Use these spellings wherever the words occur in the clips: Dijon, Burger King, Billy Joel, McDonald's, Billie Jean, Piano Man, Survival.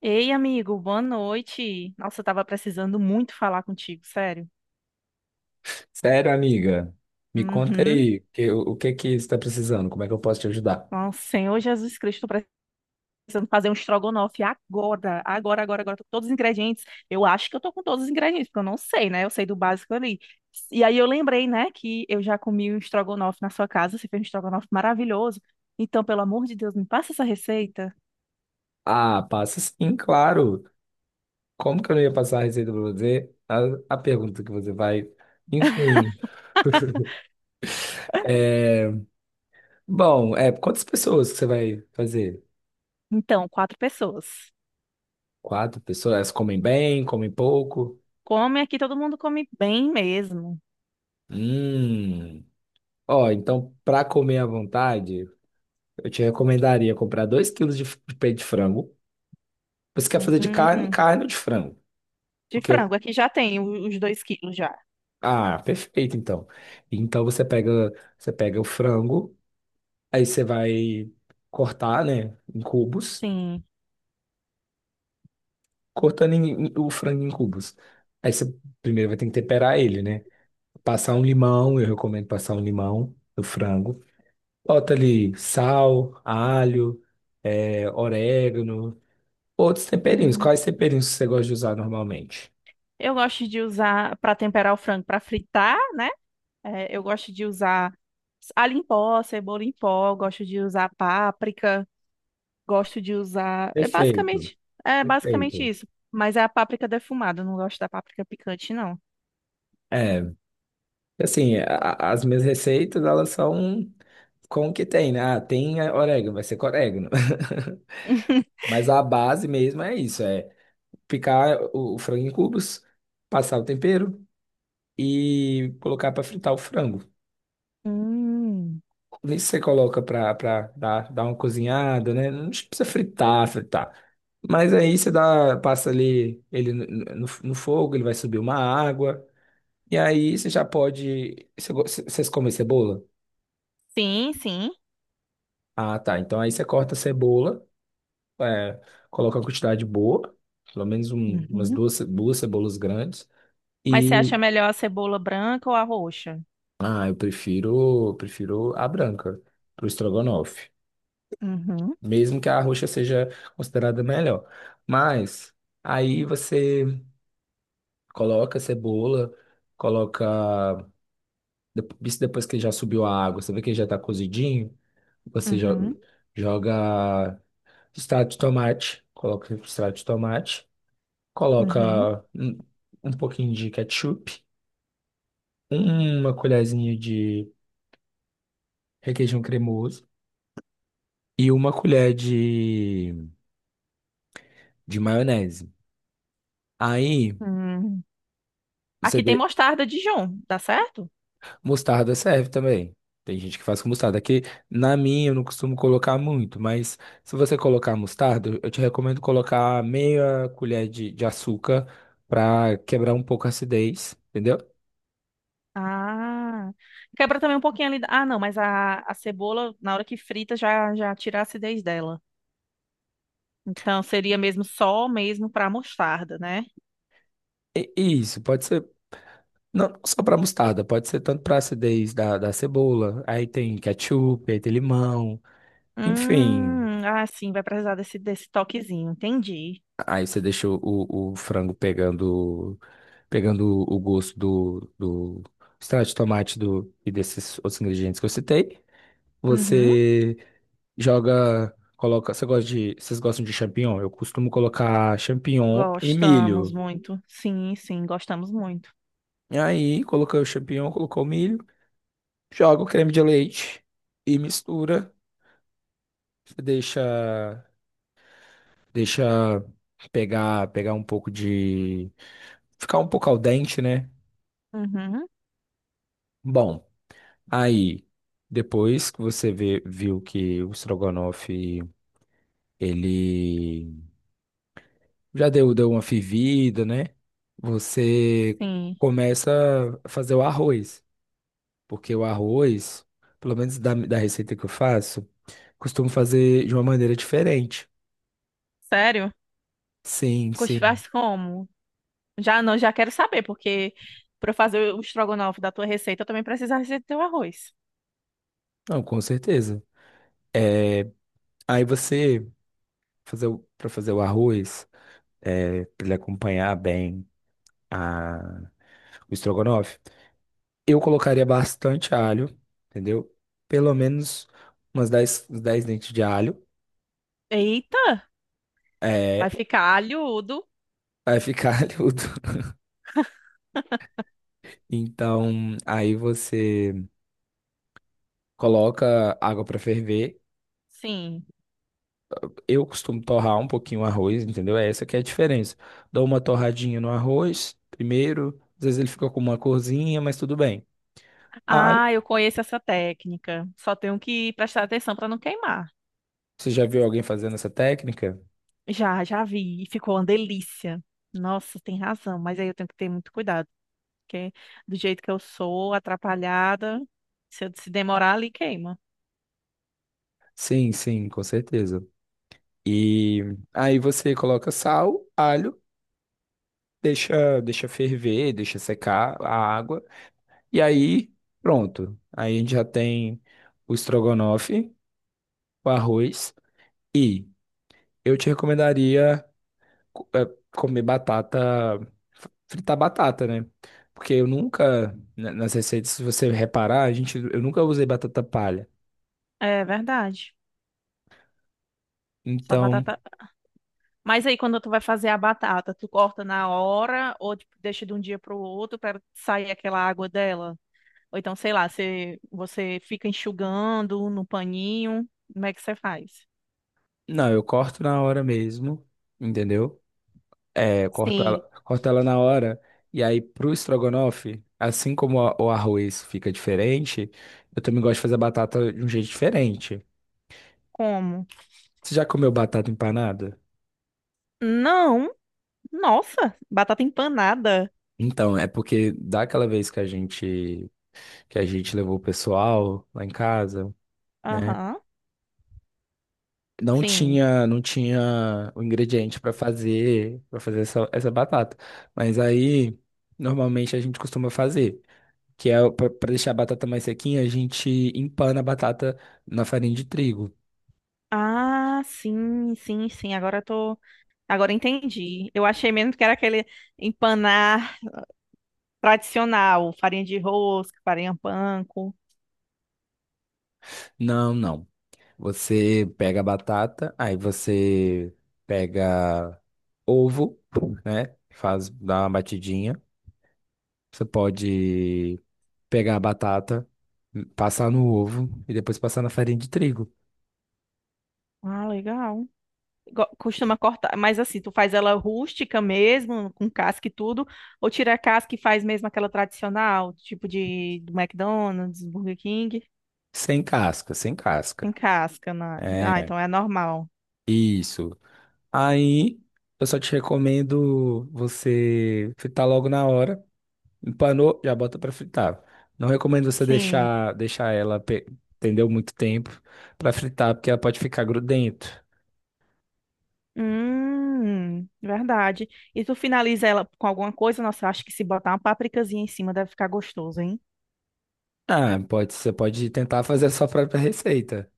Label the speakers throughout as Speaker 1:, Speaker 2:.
Speaker 1: Ei, amigo, boa noite. Nossa, eu tava precisando muito falar contigo, sério.
Speaker 2: Sério, amiga? Me conta
Speaker 1: Uhum.
Speaker 2: aí, o que que você está precisando? Como é que eu posso te ajudar?
Speaker 1: Nossa, Senhor Jesus Cristo, tô precisando fazer um estrogonofe agora, agora, agora, agora. Tô com todos os ingredientes. Eu acho que eu tô com todos os ingredientes, porque eu não sei, né? Eu sei do básico ali. E aí eu lembrei, né, que eu já comi um estrogonofe na sua casa. Você fez um estrogonofe maravilhoso. Então, pelo amor de Deus, me passa essa receita.
Speaker 2: Ah, passa sim, claro. Como que eu não ia passar a receita para você? A pergunta que você vai. Enfim. É, bom, quantas pessoas que você vai fazer?
Speaker 1: Então, quatro pessoas.
Speaker 2: Quatro pessoas? Elas comem bem, comem pouco?
Speaker 1: Come aqui, todo mundo come bem mesmo.
Speaker 2: Hum. Ó, então, para comer à vontade, eu te recomendaria comprar 2 quilos de peito de frango. Você quer fazer de carne,
Speaker 1: Hum,
Speaker 2: carne ou de frango?
Speaker 1: de
Speaker 2: Porque...
Speaker 1: frango, aqui já tem os 2 quilos já.
Speaker 2: Ah, perfeito, então. Então você pega o frango, aí você vai cortar, né, em cubos,
Speaker 1: Sim.
Speaker 2: cortando o frango em cubos. Aí você primeiro vai ter que temperar ele, né? Passar um limão, eu recomendo passar um limão no frango. Bota ali sal, alho, orégano, outros temperinhos.
Speaker 1: Hum.
Speaker 2: Quais temperinhos você gosta de usar normalmente?
Speaker 1: Eu gosto de usar para temperar o frango para fritar, né? É, eu gosto de usar alho em pó, cebola em pó, gosto de usar páprica, gosto de usar. É
Speaker 2: Perfeito,
Speaker 1: basicamente, é basicamente
Speaker 2: perfeito.
Speaker 1: isso. Mas é a páprica defumada, eu não gosto da páprica picante, não.
Speaker 2: É, assim, as minhas receitas, elas são... Como que tem, né? Ah, tem orégano, vai ser com orégano. Mas a base mesmo é isso, é picar o frango em cubos, passar o tempero e colocar para fritar o frango.
Speaker 1: Hum.
Speaker 2: Nisso você coloca para dar, dar uma cozinhada, né? Não precisa fritar, fritar. Mas aí você dá, passa ali ele no fogo, ele vai subir uma água. E aí você já pode. Você vocês comem cebola?
Speaker 1: Sim, sim.
Speaker 2: Ah, tá. Então aí você corta a cebola. É, coloca uma quantidade boa, pelo menos umas
Speaker 1: Uhum.
Speaker 2: duas, duas cebolas grandes.
Speaker 1: Mas você
Speaker 2: E
Speaker 1: acha melhor a cebola branca ou a roxa?
Speaker 2: ah, eu prefiro, prefiro a branca pro estrogonofe,
Speaker 1: Uhum,
Speaker 2: mesmo que a roxa seja considerada melhor. Mas aí você coloca a cebola, coloca isso depois que já subiu a água, você vê que já tá cozidinho, você
Speaker 1: uhum,
Speaker 2: joga extrato de tomate, coloca extrato de tomate.
Speaker 1: uhum,
Speaker 2: Coloca um pouquinho de ketchup, uma colherzinha de requeijão cremoso e uma colher de maionese. Aí,
Speaker 1: uhum.
Speaker 2: você
Speaker 1: Aqui tem
Speaker 2: de...
Speaker 1: mostarda Dijon, dá certo?
Speaker 2: Mostarda serve também. Tem gente que faz com mostarda. Aqui, na minha, eu não costumo colocar muito, mas se você colocar mostarda, eu te recomendo colocar meia colher de açúcar para quebrar um pouco a acidez, entendeu?
Speaker 1: Ah, quebra também um pouquinho ali. Ah, não, mas a cebola, na hora que frita, já tira a acidez dela. Então seria mesmo só mesmo para mostarda, né?
Speaker 2: E isso, pode ser... Não só para mostarda, pode ser tanto para acidez da cebola, aí tem ketchup, aí tem limão, enfim.
Speaker 1: Ah, sim, vai precisar desse toquezinho. Entendi.
Speaker 2: Aí você deixa o frango pegando, pegando o gosto do extrato de tomate e desses outros ingredientes que eu citei.
Speaker 1: Uhum.
Speaker 2: Você joga, coloca. Você gosta de, vocês gostam de champignon? Eu costumo colocar champignon e
Speaker 1: Gostamos
Speaker 2: milho.
Speaker 1: muito. Sim, sim, gostamos muito.
Speaker 2: E aí, coloquei o champignon, colocou o milho, joga o creme de leite e mistura. Você deixa, deixa pegar, pegar um pouco de, ficar um pouco al dente, né?
Speaker 1: Uhum.
Speaker 2: Bom, aí depois que você viu que o estrogonofe ele já deu, deu uma fervida, né? Você
Speaker 1: Sim.
Speaker 2: começa a fazer o arroz, porque o arroz, pelo menos da receita que eu faço, costumo fazer de uma maneira diferente.
Speaker 1: Sério?
Speaker 2: Sim, sim.
Speaker 1: Faz como? Já não, já quero saber, porque para eu fazer o estrogonofe da tua receita, eu também preciso da receita do teu arroz.
Speaker 2: Não, com certeza. É. Aí você fazer o, para fazer o arroz, para ele acompanhar bem a, o estrogonofe, eu colocaria bastante alho, entendeu? Pelo menos umas 10, uns 10 dentes de alho.
Speaker 1: Eita, vai
Speaker 2: É,
Speaker 1: ficar alhudo.
Speaker 2: vai ficar alhudo. Então, aí você coloca água para ferver.
Speaker 1: Sim.
Speaker 2: Eu costumo torrar um pouquinho o arroz, entendeu? É essa que é a diferença. Dou uma torradinha no arroz primeiro. Às vezes ele fica com uma corzinha, mas tudo bem. Ah,
Speaker 1: Ah, eu conheço essa técnica. Só tenho que prestar atenção para não queimar.
Speaker 2: você já viu alguém fazendo essa técnica?
Speaker 1: Já vi. E ficou uma delícia. Nossa, tem razão, mas aí eu tenho que ter muito cuidado, porque do jeito que eu sou, atrapalhada, se demorar ali, queima.
Speaker 2: Sim, sim, com certeza. E aí você coloca sal, alho, deixa, deixa ferver, deixa secar a água. E aí, pronto. Aí a gente já tem o estrogonofe, o arroz. E eu te recomendaria co- eh, comer batata, fritar batata, né? Porque eu nunca, nas receitas, se você reparar, a gente, eu nunca usei batata palha.
Speaker 1: É verdade. Só
Speaker 2: Então,
Speaker 1: batata. Mas aí quando tu vai fazer a batata, tu corta na hora ou tipo, deixa de um dia para o outro para sair aquela água dela? Ou então, sei lá, você fica enxugando no paninho. Como é que você faz?
Speaker 2: não, eu corto na hora mesmo, entendeu? É, eu
Speaker 1: Sim.
Speaker 2: corto ela na hora. E aí, pro estrogonofe, assim como o arroz fica diferente, eu também gosto de fazer a batata de um jeito diferente.
Speaker 1: Como?
Speaker 2: Você já comeu batata empanada?
Speaker 1: Não, nossa, batata empanada.
Speaker 2: Então, é porque daquela vez que a gente levou o pessoal lá em casa, né?
Speaker 1: Aham,
Speaker 2: Não
Speaker 1: sim.
Speaker 2: tinha não tinha o ingrediente para fazer essa batata. Mas aí, normalmente a gente costuma fazer... que é para deixar a batata mais sequinha, a gente empana a batata na farinha de trigo.
Speaker 1: Ah, sim, sim, sim. Agora entendi. Eu achei mesmo que era aquele empanar tradicional, farinha de rosca, farinha panko.
Speaker 2: Não, não. Você pega a batata, aí você pega ovo, né? Faz, dá uma batidinha. Você pode pegar a batata, passar no ovo e depois passar na farinha de trigo.
Speaker 1: Ah, legal. Costuma cortar, mas assim, tu faz ela rústica mesmo, com casca e tudo, ou tira a casca e faz mesmo aquela tradicional, tipo de do McDonald's, Burger King,
Speaker 2: Sem casca, sem
Speaker 1: sem
Speaker 2: casca.
Speaker 1: casca, né? Ah,
Speaker 2: É,
Speaker 1: então é normal.
Speaker 2: isso. Aí eu só te recomendo você fritar logo na hora. Empanou, já bota pra fritar. Não recomendo você
Speaker 1: Sim.
Speaker 2: deixar, deixar ela, entendeu, muito tempo pra fritar, porque ela pode ficar grudento.
Speaker 1: Verdade. E tu finaliza ela com alguma coisa? Nossa, eu acho que se botar uma pápricazinha em cima deve ficar gostoso, hein?
Speaker 2: Ah, pode, você pode tentar fazer a sua própria receita.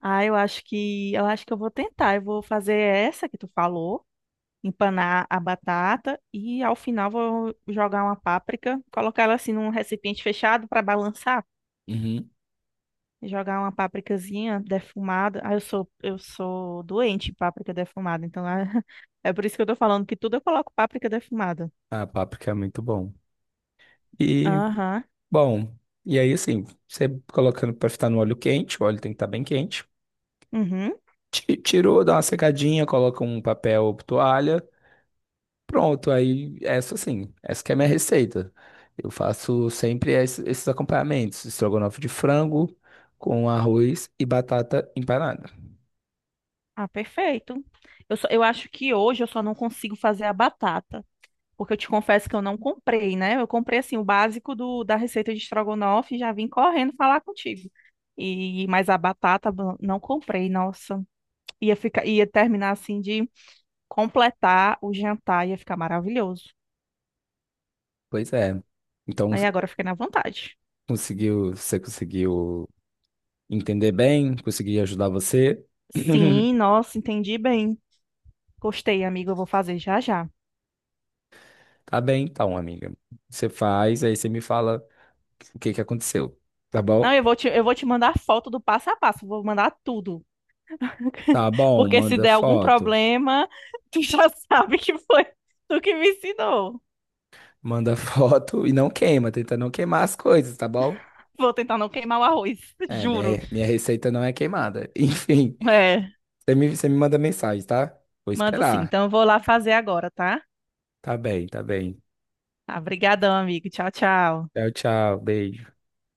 Speaker 1: Ah, eu acho que eu vou tentar. Eu vou fazer essa que tu falou. Empanar a batata e ao final vou jogar uma páprica, colocar ela assim num recipiente fechado para balançar,
Speaker 2: Uhum.
Speaker 1: jogar uma pápricazinha defumada. Ah, eu sou doente em páprica defumada, então ah, é por isso que eu tô falando que tudo eu coloco páprica defumada.
Speaker 2: Ah, páprica é muito bom. E,
Speaker 1: Aham.
Speaker 2: bom, e aí assim, você colocando pra fritar no óleo quente, o óleo tem que estar bem quente.
Speaker 1: Uhum.
Speaker 2: Tirou, dá uma secadinha, coloca um papel ou toalha. Pronto, aí essa sim, essa que é a minha receita. Eu faço sempre esses acompanhamentos, estrogonofe de frango com arroz e batata empanada.
Speaker 1: Ah, perfeito. Eu acho que hoje eu só não consigo fazer a batata. Porque eu te confesso que eu não comprei, né? Eu comprei assim o básico da receita de estrogonofe e já vim correndo falar contigo. E mas a batata não comprei, nossa. Ia ficar, ia terminar assim de completar o jantar, ia ficar maravilhoso.
Speaker 2: Pois é. Então,
Speaker 1: Aí agora eu fiquei na vontade.
Speaker 2: conseguiu, você conseguiu entender bem? Consegui ajudar você?
Speaker 1: Sim, nossa, entendi bem. Gostei, amigo, eu vou fazer já já.
Speaker 2: Tá bem, então, amiga. Você faz, aí você me fala o que que aconteceu, tá
Speaker 1: Não,
Speaker 2: bom?
Speaker 1: eu vou te mandar foto do passo a passo, vou mandar tudo.
Speaker 2: Tá bom,
Speaker 1: Porque se
Speaker 2: manda
Speaker 1: der algum
Speaker 2: foto.
Speaker 1: problema, tu já sabe que foi tu que me ensinou.
Speaker 2: Manda foto e não queima, tenta não queimar as coisas, tá bom?
Speaker 1: Vou tentar não queimar o arroz,
Speaker 2: É,
Speaker 1: juro.
Speaker 2: minha receita não é queimada. Enfim,
Speaker 1: É,
Speaker 2: você me manda mensagem, tá? Vou
Speaker 1: mando sim.
Speaker 2: esperar.
Speaker 1: Então eu vou lá fazer agora, tá?
Speaker 2: Tá bem, tá bem.
Speaker 1: Tá, amigo. Tchau, tchau.
Speaker 2: Tchau, tchau. Beijo.